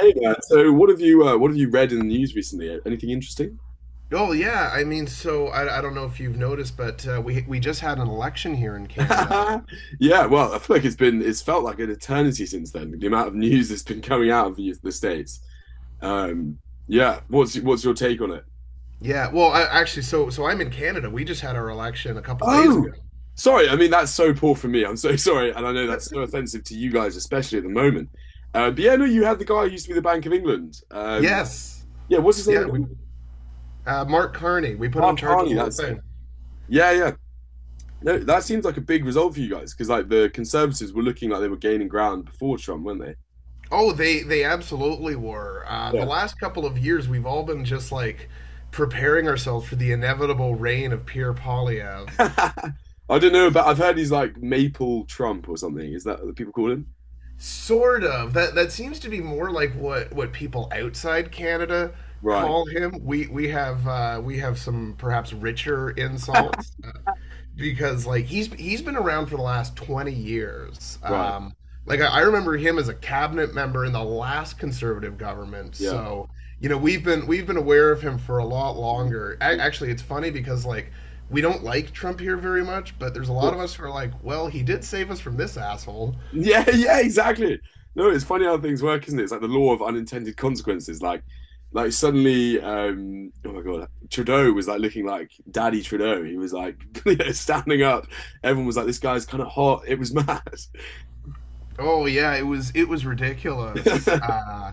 Hey there. So, what have you read in the news recently? Anything interesting? Oh yeah, I mean, so I don't know if you've noticed, but we just had an election here in Canada. Yeah, well, I feel like it's felt like an eternity since then. The amount of news that's been coming out of the States. Um, yeah, what's your take on it? Yeah, well, actually, so I'm in Canada. We just had our election a couple days ago. Oh, sorry. I mean, that's so poor for me. I'm so sorry, and I know that's so offensive to you guys, especially at the moment. But yeah, no, you had the guy who used to be the Bank of England. Yes, Yeah, what's his name yeah, we again? Mark Carney. We put him in Mark charge of Carney. the whole That's it. thing. Yeah, yeah. No, that seems like a big result for you guys because like the Conservatives were looking like they were gaining ground before Trump, weren't they? Oh, they absolutely were. The Yeah. last couple of years, we've all been just like preparing ourselves for the inevitable reign of Pierre Polyev. I don't know, but I've heard he's like Maple Trump or something. Is that what people call him? Sort of. That seems to be more like what people outside Canada Right, call him. We have we have some perhaps richer insults, because like he's been around for the last 20 years. right. Like I remember him as a cabinet member in the last conservative government. Yeah. So, you know, we've been aware of him for a lot longer. A actually, it's funny because like we don't like Trump here very much, but there's a Of lot of course. us who are like, well, he did save us from this asshole. Yeah, yeah, exactly. No, it's funny how things work, isn't it? It's like the law of unintended consequences. Like suddenly, oh my God, Trudeau was like looking like Daddy Trudeau. He was like, standing up. Everyone was like, this guy's kind of hot. It was mad. Oh yeah, it was ridiculous.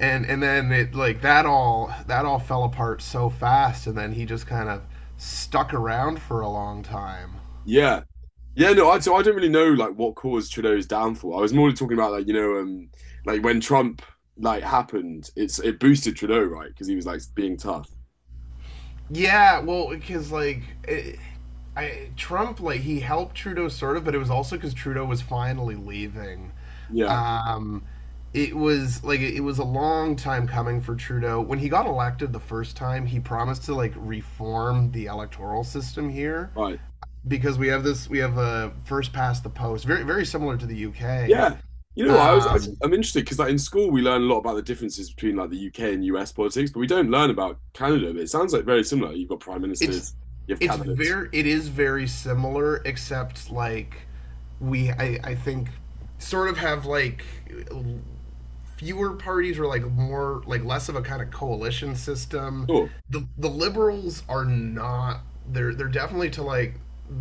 And then it like that all fell apart so fast, and then he just kind of stuck around for a long time. Yeah. Yeah, no, so I don't really know like what caused Trudeau's downfall. I was more talking about like you know like when Trump like happened, it boosted Trudeau, right, because he was like being tough. Yeah, well, because it, Trump, like he helped Trudeau sort of, but it was also because Trudeau was finally leaving. Yeah, Um, it was like it was a long time coming for Trudeau. When he got elected the first time, he promised to like reform the electoral system here right. because we have a first past the post very very similar to the UK. Yeah, you know what, Um, I'm interested because like in school we learn a lot about the differences between like the UK and US politics, but we don't learn about Canada. But it sounds like very similar. You've got prime it's ministers, you have it's cabinets. very it is very similar except like I think sort of have like fewer parties or like more like less of a kind of coalition system. Sure, The liberals are not they're definitely to like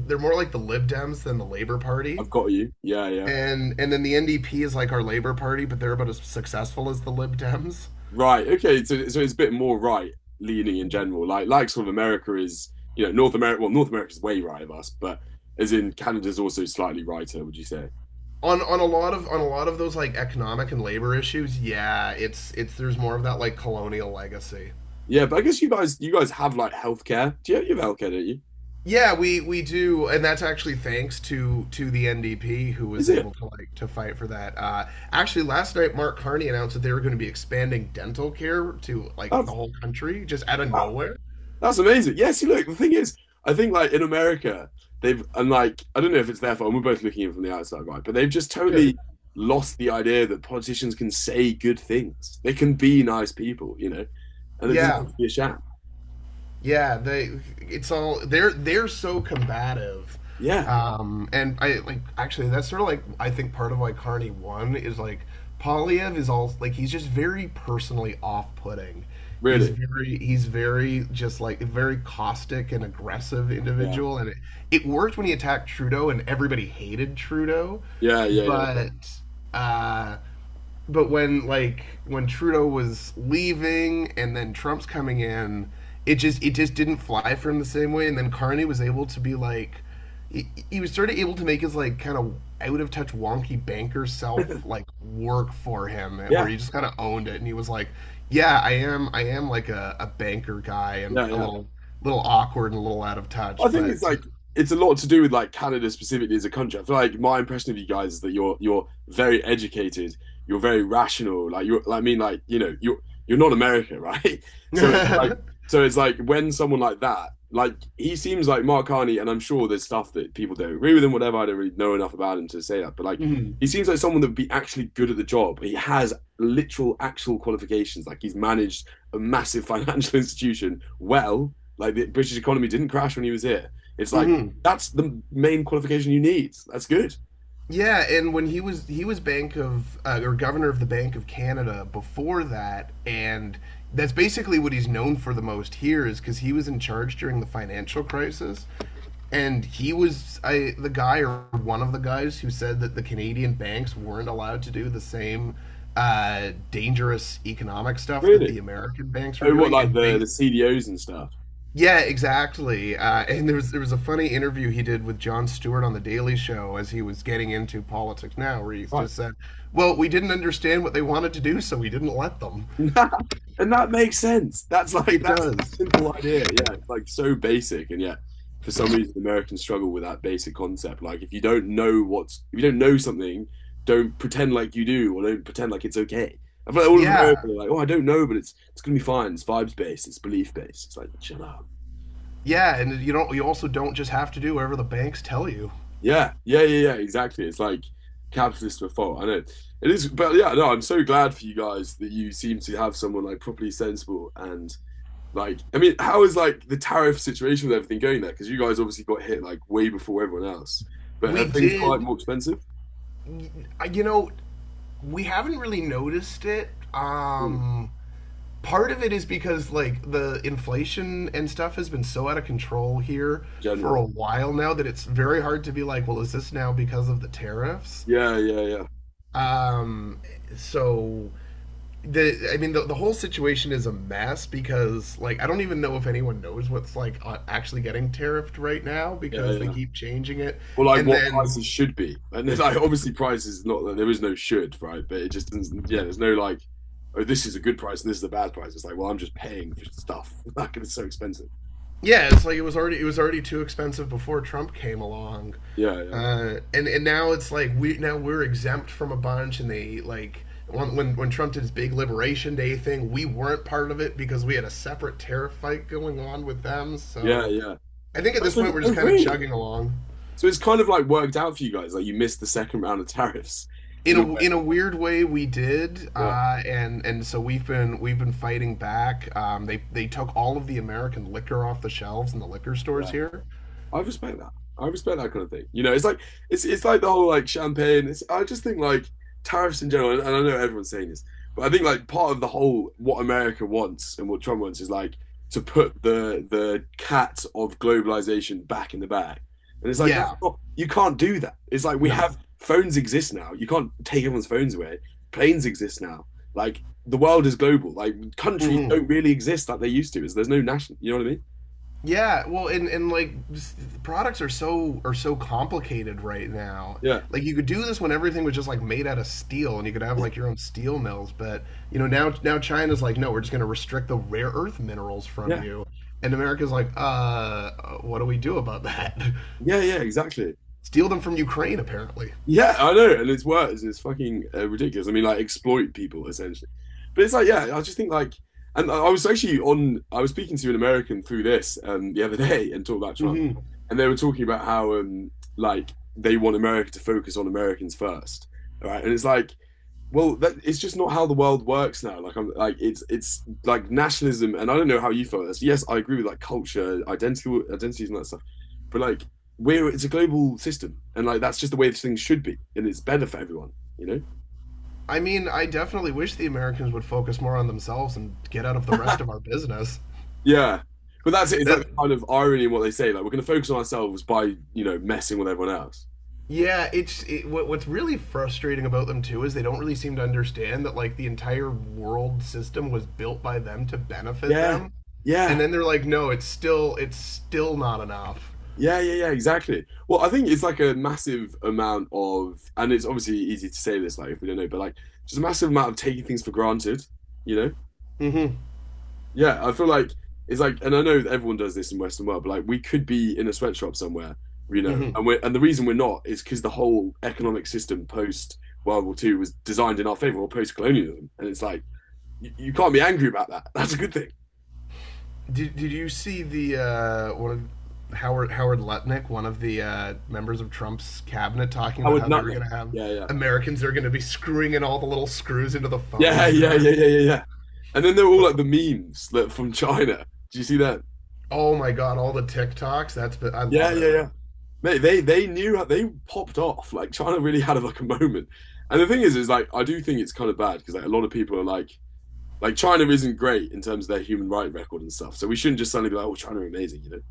they're more like the Lib Dems than the Labor Party. I've got you. Yeah, yeah. And then the NDP is like our Labor Party, but they're about as successful as the Lib Dems. Right. Okay. So, so it's a bit more right leaning in general. Like sort of America is, you know, North America. Well, North America's way right of us, but as in Canada's also slightly righter. Would you say? On a lot of those like economic and labor issues, yeah, it's there's more of that like colonial legacy. Yeah. But I guess you guys have like healthcare. Do you have healthcare? Don't you? Yeah, we do, and that's actually thanks to the NDP, who Is was it? able to like to fight for that. uh, actually, last night Mark Carney announced that they were going to be expanding dental care to like the That's whole country just out of wow, nowhere. that's amazing. Yes. You look. The thing is, I think like in America, they've and like I don't know if it's their fault. And we're both looking in from the outside, right? But they've just Sure. totally lost the idea that politicians can say good things. They can be nice people, you know, and it doesn't yeah have to be a sham. Yeah, they it's all they're so combative. Yeah. And I like, actually, that's sort of like I think part of why Carney won is like Polyev is all like he's just very personally off putting. Really? He's very just like a very caustic and aggressive Yeah. individual, and it worked when he attacked Trudeau and everybody hated Trudeau, Yeah, yeah, but uh when Trudeau was leaving and then Trump's coming in, it just didn't fly for him the same way. And then Carney was able to be like, he was sort of able to make his like kind of out of touch wonky banker self yeah. like work for him, eh, where Yeah, he just kind of owned it and he was like, yeah, I am like a banker guy and yeah, a yeah. little little awkward and a little out of I touch, think but. it's like it's a lot to do with like Canada specifically as a country. I feel like my impression of you guys is that you're very educated, you're very rational. Like you I mean, like you know, you're not America, right? So it's like so it's like when someone like that, like he seems like Mark Carney, and I'm sure there's stuff that people don't agree with him, whatever. I don't really know enough about him to say that, but like hmm he seems like someone that would be actually good at the job. He has literal actual qualifications. Like he's managed a massive financial institution well like the British economy didn't crash when he was here. It's like hmm that's the main qualification you need. That's good. Yeah, and when he was Bank of or Governor of the Bank of Canada before that, and that's basically what he's known for the most here is because he was in charge during the financial crisis, and the guy or one of the guys who said that the Canadian banks weren't allowed to do the same dangerous economic stuff that Really? the American banks were Oh, what doing, like and the based CDOs and stuff. yeah, exactly. And there was a funny interview he did with Jon Stewart on the Daily Show as he was getting into politics now, where he Right. just said, "Well, we didn't understand what they wanted to do, so we didn't let them." And that makes sense. That's like It that's does. a simple idea. Yeah, it's like so basic, and yet for some reason Americans struggle with that basic concept. Like if you don't know what's if you don't know something, don't pretend like you do, or don't pretend like it's okay. I feel like all of America Yeah, are like, oh, I don't know, but it's gonna be fine. It's vibes based. It's belief based. It's like chill out. yeah, and you don't. You also don't just have to do whatever the banks tell you. Yeah, yeah, yeah, yeah, exactly. It's like capitalist to a fault. I know it is, but yeah, no, I'm so glad for you guys that you seem to have someone like properly sensible and like. I mean, how is like the tariff situation with everything going there? Because you guys obviously got hit like way before everyone else. But are We things quite did. more expensive? You know, we haven't really noticed it. Hmm, Part of it is because like the inflation and stuff has been so out of control here for a generally, while now that it's very hard to be like, well, is this now because of the tariffs? yeah, yeah, yeah, Um, so the I mean the whole situation is a mess because like I don't even know if anyone knows what's like actually getting tariffed right now yeah, because they yeah. keep changing it, Or like and what then prices should be. And then, like obviously prices not that there is no should, right? But it just doesn't yeah, there's no like, oh, this is a good price and this is a bad price. It's like, well, I'm just paying for stuff. Like it's so expensive. yeah, it's like it was already too expensive before Trump came along, Yeah, yeah. And now we're exempt from a bunch, and they like when Trump did his big Liberation Day thing, we weren't part of it because we had a separate tariff fight going on with them. Yeah, So yeah. I think at But this it's point like, we're oh just kind of really? chugging along. So it's kind of like worked out for you guys. Like you missed the second round of tariffs in a way. In a weird way, we did. Yeah. Uh, and so we've been fighting back. They took all of the American liquor off the shelves in the liquor stores Yeah. here. I respect that. I respect that kind of thing. You know, it's like the whole like champagne. It's, I just think like tariffs in general, and I know everyone's saying this, but I think like part of the whole what America wants and what Trump wants is like to put the cat of globalization back in the bag. And it's like that's Yeah, not you can't do that. It's like we no, have phones exist now. You can't take everyone's phones away. Planes exist now. Like the world is global. Like countries mm-hmm. don't really exist like they used to. Is there's no national. You know what I mean? Yeah, well, products are so complicated right now. Yeah. Like you could do this when everything was just like made out of steel, and you could have like your own steel mills. But you know now China's like, no, we're just going to restrict the rare earth minerals from Yeah. you, and America's like, what do we do about that? Yeah, yeah, exactly. Steal them from Ukraine, apparently. Yeah, I know, and it's worse. It's fucking ridiculous. I mean, like exploit people essentially. But it's like, yeah, I just think like, and I was actually on. I was speaking to an American through this the other day and talked about Trump, Hmm and they were talking about how like they want America to focus on Americans first, all right? And it's like well that, it's just not how the world works now like I'm like it's like nationalism and I don't know how you feel this yes I agree with like culture identity identities and that stuff but like we're it's a global system and like that's just the way things should be and it's better for everyone you know. I mean, I definitely wish the Americans would focus more on themselves and get out of the rest of our business. Yeah, but that's it. It's like That the kind of irony in what they say like we're going to focus on ourselves by you know messing with everyone else. Yeah, what's really frustrating about them too is they don't really seem to understand that like the entire world system was built by them to benefit Yeah, them, and yeah. then they're like, no, it's still not enough. Yeah, yeah, yeah, exactly. Well, I think it's like a massive amount of, and it's obviously easy to say this, like if we don't know, but like just a massive amount of taking things for granted, you know? Mm-hmm. Yeah, I feel like it's like, and I know that everyone does this in Western world, but like we could be in a sweatshop somewhere, you know, Mm-hmm. And the reason we're not is because the whole economic system post World War Two was designed in our favor or post colonialism, and it's like you can't be angry about that. That's a good thing. Did you see the one of Howard Howard Lutnick, one of the members of Trump's cabinet, talking about Howard how they were going Nutley. to have Yeah, yeah. Americans that are going to be screwing in all the little screws into the Yeah, phones yeah, now? yeah, yeah, yeah, yeah. And then they're all like the memes like, from China. Do you see that? Oh my God, all the TikToks. That's I Yeah, love yeah, it. yeah. Mate, they knew how they popped off. Like China really had like a moment. And the thing is like I do think it's kind of bad because like a lot of people are like China isn't great in terms of their human right record and stuff. So we shouldn't just suddenly be like, oh, China are amazing, you know?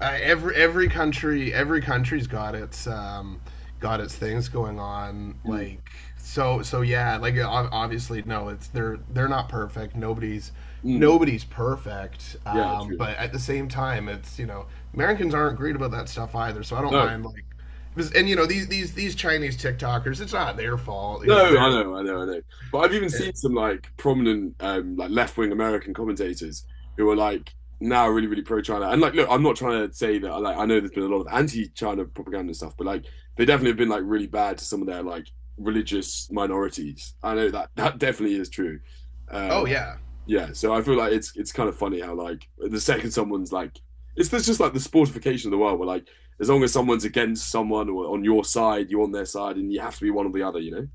Every country 's got its things going on. Mm, Like so so yeah. Like obviously no, it's they're not perfect. Mm, Nobody's perfect. yeah, true. But at the same time, it's you know Americans aren't great about that stuff either. So I don't No. mind like. And you know these these Chinese TikTokers, it's not their fault. You No, know I know, I know, I know. But I've even seen it, some like prominent like left-wing American commentators who are like now really, really pro-China. And like look, I'm not trying to say that like I know there's been a lot of anti-China propaganda and stuff, but like they definitely have been like really bad to some of their like religious minorities. I know that that definitely is true. Uh oh yeah. yeah, so I feel like it's kind of funny how like the second someone's like it's there's just like the sportification of the world where like as long as someone's against someone or on your side, you're on their side and you have to be one or the other, you know?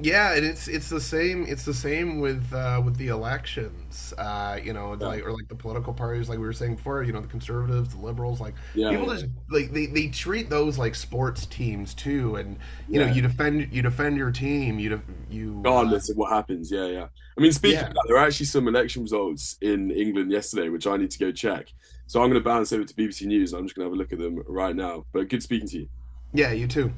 Yeah, and it's it's the same with the elections, you know, it's Yeah. like or like the political parties, like we were saying before, you know, the conservatives, the liberals, like Yeah, people yeah, just like they treat those like sports teams too, and you know, yeah. You defend your team, you def- you Regardless of what happens, yeah, yeah. I mean, speaking yeah. of that, there are actually some election results in England yesterday, which I need to go check. So I'm going to bounce over to BBC News. And I'm just going to have a look at them right now. But good speaking to you. Yeah, you too.